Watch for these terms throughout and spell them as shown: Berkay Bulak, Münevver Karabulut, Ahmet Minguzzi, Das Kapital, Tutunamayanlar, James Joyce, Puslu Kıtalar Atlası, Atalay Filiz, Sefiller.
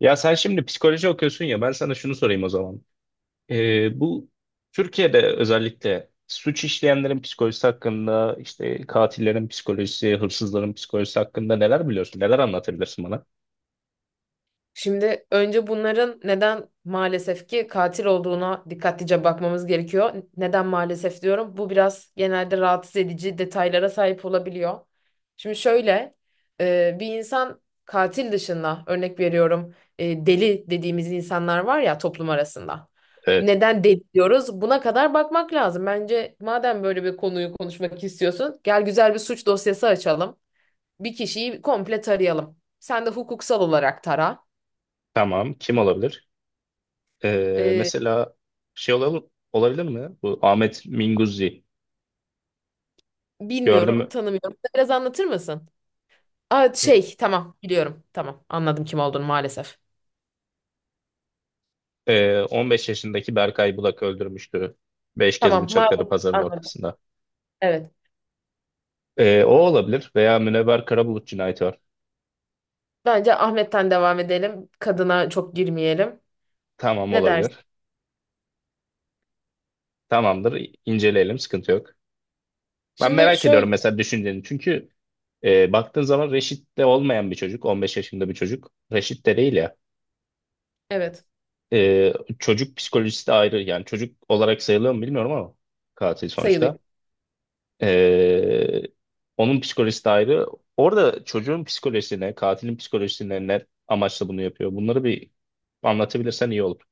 Ya sen şimdi psikoloji okuyorsun ya ben sana şunu sorayım o zaman. Bu Türkiye'de özellikle suç işleyenlerin psikolojisi hakkında işte katillerin psikolojisi, hırsızların psikolojisi hakkında neler biliyorsun? Neler anlatabilirsin bana? Şimdi önce bunların neden maalesef ki katil olduğuna dikkatlice bakmamız gerekiyor. Neden maalesef diyorum? Bu biraz genelde rahatsız edici detaylara sahip olabiliyor. Şimdi şöyle bir insan katil dışında örnek veriyorum, deli dediğimiz insanlar var ya toplum arasında. Evet. Neden deli diyoruz? Buna kadar bakmak lazım. Bence madem böyle bir konuyu konuşmak istiyorsun, gel güzel bir suç dosyası açalım. Bir kişiyi komple tarayalım. Sen de hukuksal olarak tara. Tamam. Kim olabilir? Ee, Mesela şey olabilir, olabilir mi? Bu Ahmet Minguzzi. Gördün Bilmiyorum, mü? tanımıyorum. Biraz anlatır mısın? Aa, E, şey, tamam, biliyorum. Tamam, anladım kim olduğunu maalesef. 15 yaşındaki Berkay Bulak öldürmüştü. Beş kez Tamam, bıçakladı maalesef pazarın anladım. ortasında. Evet. O olabilir. Veya Münevver Karabulut cinayeti var. Bence Ahmet'ten devam edelim. Kadına çok girmeyelim. Tamam Ne dersin? olabilir. Tamamdır, inceleyelim. Sıkıntı yok. Ben Şimdi merak ediyorum şöyle, mesela düşünceni. Çünkü baktığın zaman Reşit'te olmayan bir çocuk. 15 yaşında bir çocuk. Reşit değil ya. evet, Ee, Çocuk psikolojisi de ayrı. Yani çocuk olarak sayılıyor mu bilmiyorum ama katil sonuçta. sayılıyor. Ee, Onun psikolojisi de ayrı. Orada çocuğun psikolojisine, katilin psikolojisine ne amaçla bunu yapıyor? Bunları bir anlatabilirsen iyi olur.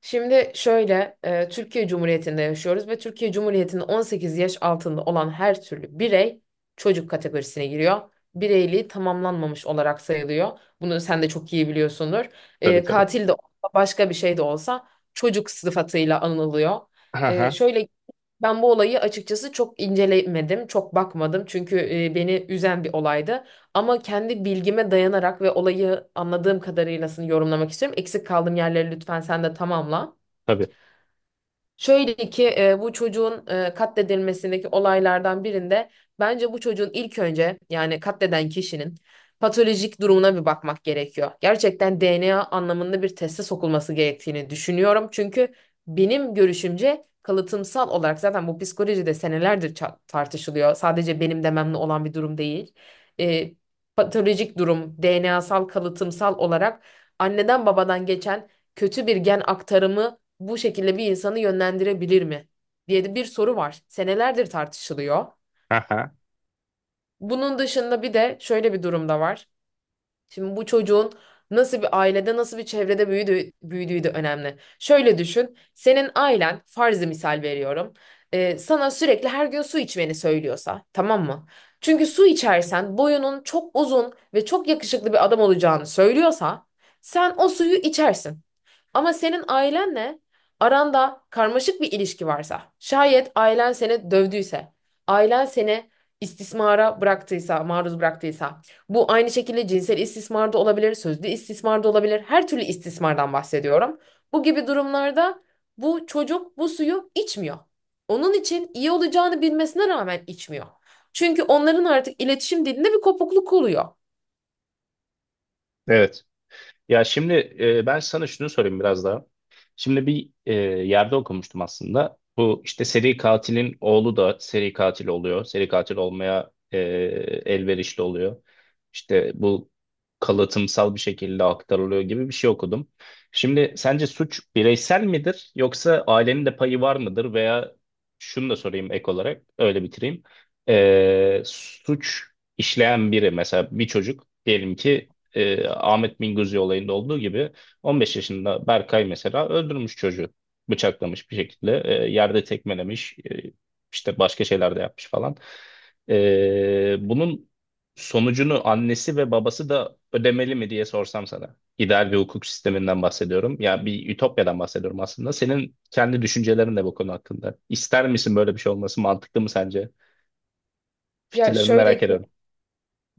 Şimdi şöyle, Türkiye Cumhuriyeti'nde yaşıyoruz ve Türkiye Cumhuriyeti'nin 18 yaş altında olan her türlü birey çocuk kategorisine giriyor. Bireyliği tamamlanmamış olarak sayılıyor. Bunu sen de çok iyi biliyorsundur. Tabii, tabii. Katil de olsa, başka bir şey de olsa çocuk sıfatıyla anılıyor. E, Aha, şöyle Ben bu olayı açıkçası çok incelemedim, çok bakmadım çünkü beni üzen bir olaydı. Ama kendi bilgime dayanarak ve olayı anladığım kadarıyla yorumlamak istiyorum. Eksik kaldığım yerleri lütfen sen de tamamla. tabii. Şöyle ki bu çocuğun katledilmesindeki olaylardan birinde bence bu çocuğun ilk önce yani katleden kişinin patolojik durumuna bir bakmak gerekiyor. Gerçekten DNA anlamında bir teste sokulması gerektiğini düşünüyorum. Çünkü benim görüşümce kalıtımsal olarak zaten bu psikolojide senelerdir tartışılıyor. Sadece benim dememle olan bir durum değil. E, Patolojik durum, DNA'sal, kalıtımsal olarak anneden babadan geçen kötü bir gen aktarımı bu şekilde bir insanı yönlendirebilir mi diye de bir soru var. Senelerdir tartışılıyor. Aha, Bunun dışında bir de şöyle bir durum da var. Şimdi bu çocuğun nasıl bir ailede, nasıl bir çevrede büyüdüğü, büyüdüğü de önemli. Şöyle düşün, senin ailen, farzı misal veriyorum, sana sürekli her gün su içmeni söylüyorsa, tamam mı? Çünkü su içersen boyunun çok uzun ve çok yakışıklı bir adam olacağını söylüyorsa, sen o suyu içersin. Ama senin ailenle aranda karmaşık bir ilişki varsa, şayet ailen seni dövdüyse, ailen seni istismara bıraktıysa, maruz bıraktıysa, bu aynı şekilde cinsel istismar da olabilir, sözlü istismar da olabilir, her türlü istismardan bahsediyorum. Bu gibi durumlarda bu çocuk bu suyu içmiyor. Onun için iyi olacağını bilmesine rağmen içmiyor. Çünkü onların artık iletişim dilinde bir kopukluk oluyor. evet. Ya şimdi, ben sana şunu sorayım biraz daha. Şimdi bir yerde okumuştum aslında. Bu işte seri katilin oğlu da seri katil oluyor. Seri katil olmaya elverişli oluyor. İşte bu kalıtımsal bir şekilde aktarılıyor gibi bir şey okudum. Şimdi sence suç bireysel midir yoksa ailenin de payı var mıdır, veya şunu da sorayım ek olarak, öyle bitireyim. Suç işleyen biri, mesela bir çocuk diyelim ki, Ahmet Minguzzi olayında olduğu gibi 15 yaşında Berkay mesela öldürmüş çocuğu. Bıçaklamış bir şekilde, yerde tekmelemiş, işte başka şeyler de yapmış falan. Bunun sonucunu annesi ve babası da ödemeli mi diye sorsam sana. İdeal bir hukuk sisteminden bahsediyorum. Ya bir ütopyadan bahsediyorum aslında. Senin kendi düşüncelerin de bu konu hakkında. İster misin böyle bir şey olması? Mantıklı mı sence? Ya Fikirlerini merak şöyle, ediyorum.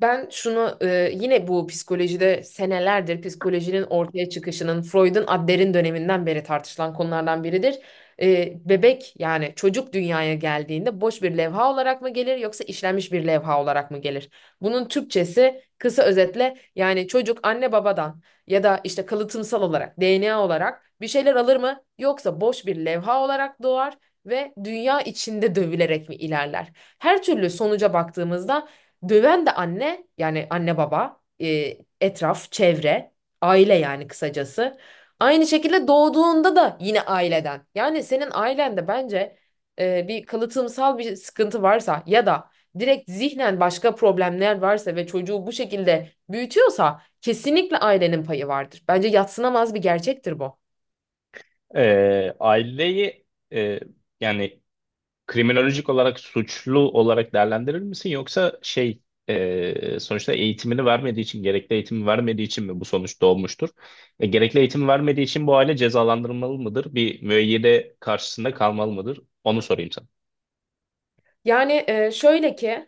ben şunu yine bu psikolojide senelerdir psikolojinin ortaya çıkışının Freud'un Adler'in döneminden beri tartışılan konulardan biridir. Bebek yani çocuk dünyaya geldiğinde boş bir levha olarak mı gelir yoksa işlenmiş bir levha olarak mı gelir? Bunun Türkçesi kısa özetle yani çocuk anne babadan ya da işte kalıtımsal olarak DNA olarak bir şeyler alır mı yoksa boş bir levha olarak doğar ve dünya içinde dövülerek mi ilerler? Her türlü sonuca baktığımızda döven de anne yani anne baba, etraf, çevre, aile yani kısacası. Aynı şekilde doğduğunda da yine aileden. Yani senin ailende bence bir kalıtımsal bir sıkıntı varsa ya da direkt zihnen başka problemler varsa ve çocuğu bu şekilde büyütüyorsa kesinlikle ailenin payı vardır. Bence yadsınamaz bir gerçektir bu. Aileyi e, yani kriminolojik olarak suçlu olarak değerlendirir misin, yoksa sonuçta eğitimini vermediği için, gerekli eğitimi vermediği için mi bu sonuç doğmuştur? Gerekli eğitim vermediği için bu aile cezalandırılmalı mıdır? Bir müeyyide karşısında kalmalı mıdır? Onu sorayım. Yani şöyle ki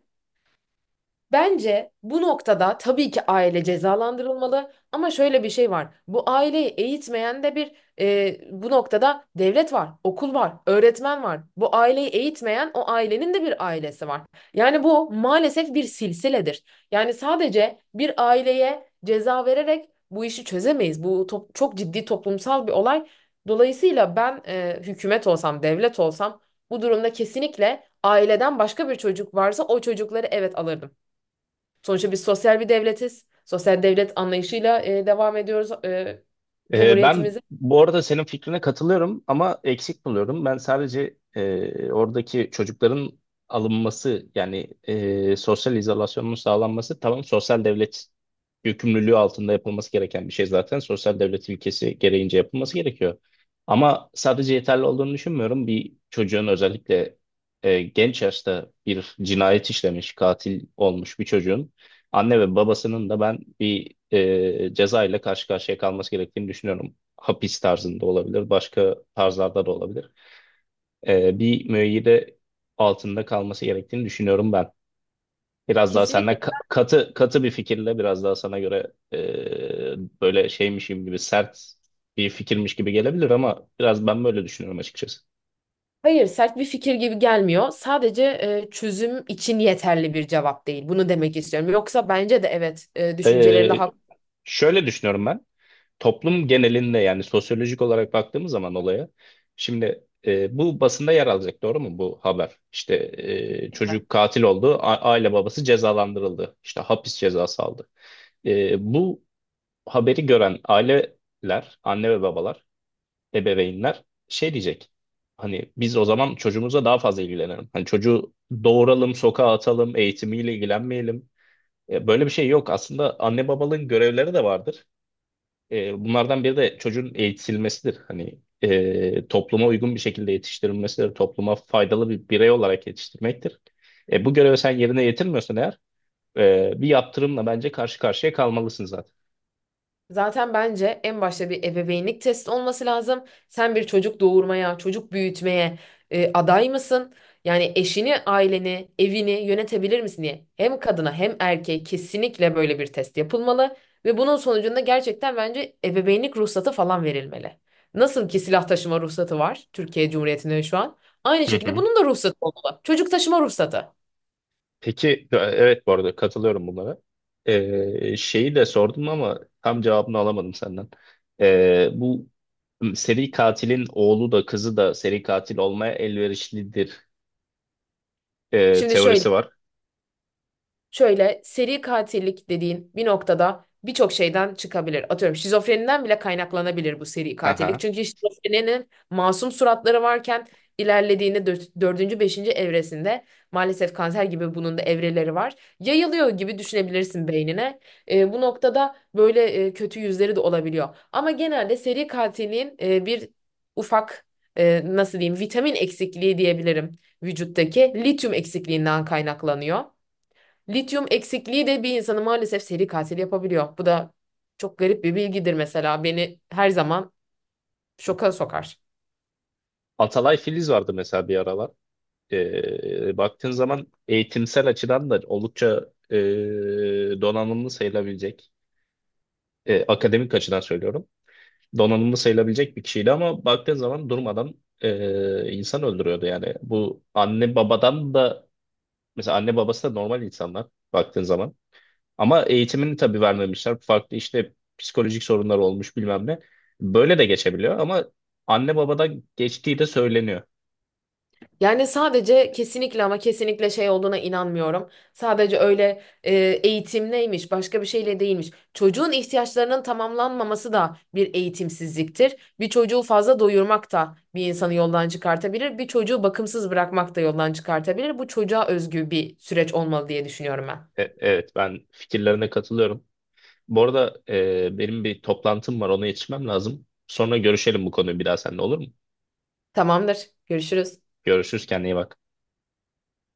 bence bu noktada tabii ki aile cezalandırılmalı ama şöyle bir şey var. Bu aileyi eğitmeyen de bir e, Bu noktada devlet var, okul var, öğretmen var. Bu aileyi eğitmeyen o ailenin de bir ailesi var. Yani bu maalesef bir silsiledir. Yani sadece bir aileye ceza vererek bu işi çözemeyiz. Çok ciddi toplumsal bir olay. Dolayısıyla ben hükümet olsam, devlet olsam bu durumda kesinlikle aileden başka bir çocuk varsa o çocukları evet alırdım. Sonuçta biz sosyal bir devletiz. Sosyal devlet anlayışıyla devam ediyoruz Ben Cumhuriyetimize. bu arada senin fikrine katılıyorum ama eksik buluyorum. Ben sadece oradaki çocukların alınması, yani sosyal izolasyonun sağlanması, tamam, sosyal devlet yükümlülüğü altında yapılması gereken bir şey zaten. Sosyal devlet ilkesi gereğince yapılması gerekiyor. Ama sadece yeterli olduğunu düşünmüyorum. Bir çocuğun, özellikle genç yaşta bir cinayet işlemiş, katil olmuş bir çocuğun anne ve babasının da ben bir ceza ile karşı karşıya kalması gerektiğini düşünüyorum. Hapis tarzında olabilir, başka tarzlarda da olabilir. Bir müeyyide altında kalması gerektiğini düşünüyorum ben. Biraz daha senden Kesinlikle. Katı katı bir fikirle, biraz daha sana göre böyle şeymişim gibi, sert bir fikirmiş gibi gelebilir ama biraz ben böyle düşünüyorum açıkçası. Hayır, sert bir fikir gibi gelmiyor. Sadece çözüm için yeterli bir cevap değil. Bunu demek istiyorum. Yoksa bence de evet, düşüncelerinde E, Şöyle düşünüyorum ben. Toplum genelinde, yani sosyolojik olarak baktığımız zaman olaya, şimdi bu basında yer alacak, doğru mu bu haber? İşte çocuk katil oldu, aile babası cezalandırıldı, işte hapis cezası aldı. Bu haberi gören aileler, anne ve babalar, ebeveynler şey diyecek. Hani biz o zaman çocuğumuza daha fazla ilgilenelim. Hani çocuğu doğuralım, sokağa atalım, eğitimiyle ilgilenmeyelim. Böyle bir şey yok. Aslında anne babalığın görevleri de vardır. Bunlardan biri de çocuğun eğitilmesidir. Hani topluma uygun bir şekilde yetiştirilmesidir. Topluma faydalı bir birey olarak yetiştirmektir. Bu görevi sen yerine getirmiyorsan eğer, bir yaptırımla bence karşı karşıya kalmalısın zaten. zaten bence en başta bir ebeveynlik testi olması lazım. Sen bir çocuk doğurmaya, çocuk büyütmeye aday mısın? Yani eşini, aileni, evini yönetebilir misin diye. Hem kadına hem erkeğe kesinlikle böyle bir test yapılmalı ve bunun sonucunda gerçekten bence ebeveynlik ruhsatı falan verilmeli. Nasıl ki silah taşıma ruhsatı var Türkiye Cumhuriyeti'nde şu an. Aynı Hı şekilde hı. bunun da ruhsatı olmalı. Çocuk taşıma ruhsatı. Peki, evet, bu arada katılıyorum bunlara. Şeyi de sordum ama tam cevabını alamadım senden. Bu seri katilin oğlu da kızı da seri katil olmaya elverişlidir Şimdi şöyle, teorisi var. şöyle seri katillik dediğin bir noktada birçok şeyden çıkabilir. Atıyorum şizofreniden bile kaynaklanabilir bu seri katillik. Aha. Çünkü şizofreninin masum suratları varken ilerlediğinde dördüncü, beşinci evresinde maalesef kanser gibi bunun da evreleri var. Yayılıyor gibi düşünebilirsin beynine. Bu noktada böyle kötü yüzleri de olabiliyor. Ama genelde seri katilliğin bir ufak, nasıl diyeyim, vitamin eksikliği diyebilirim, vücuttaki lityum eksikliğinden kaynaklanıyor. Lityum eksikliği de bir insanı maalesef seri katil yapabiliyor. Bu da çok garip bir bilgidir mesela. Beni her zaman şoka sokar. Atalay Filiz vardı mesela bir aralar. Baktığın zaman eğitimsel açıdan da oldukça donanımlı sayılabilecek, akademik açıdan söylüyorum, donanımlı sayılabilecek bir kişiydi ama baktığın zaman durmadan insan öldürüyordu yani. Bu anne babadan da, mesela anne babası da normal insanlar baktığın zaman. Ama eğitimini tabii vermemişler. Farklı işte psikolojik sorunlar olmuş bilmem ne. Böyle de geçebiliyor ama anne babadan geçtiği de söyleniyor. Yani sadece kesinlikle ama kesinlikle şey olduğuna inanmıyorum. Sadece öyle eğitim neymiş, başka bir şeyle değilmiş. Çocuğun ihtiyaçlarının tamamlanmaması da bir eğitimsizliktir. Bir çocuğu fazla doyurmak da bir insanı yoldan çıkartabilir. Bir çocuğu bakımsız bırakmak da yoldan çıkartabilir. Bu çocuğa özgü bir süreç olmalı diye düşünüyorum ben. Evet, ben fikirlerine katılıyorum. Bu arada benim bir toplantım var, ona yetişmem lazım. Sonra görüşelim bu konuyu bir daha seninle, olur mu? Tamamdır. Görüşürüz. Görüşürüz, kendine iyi bak.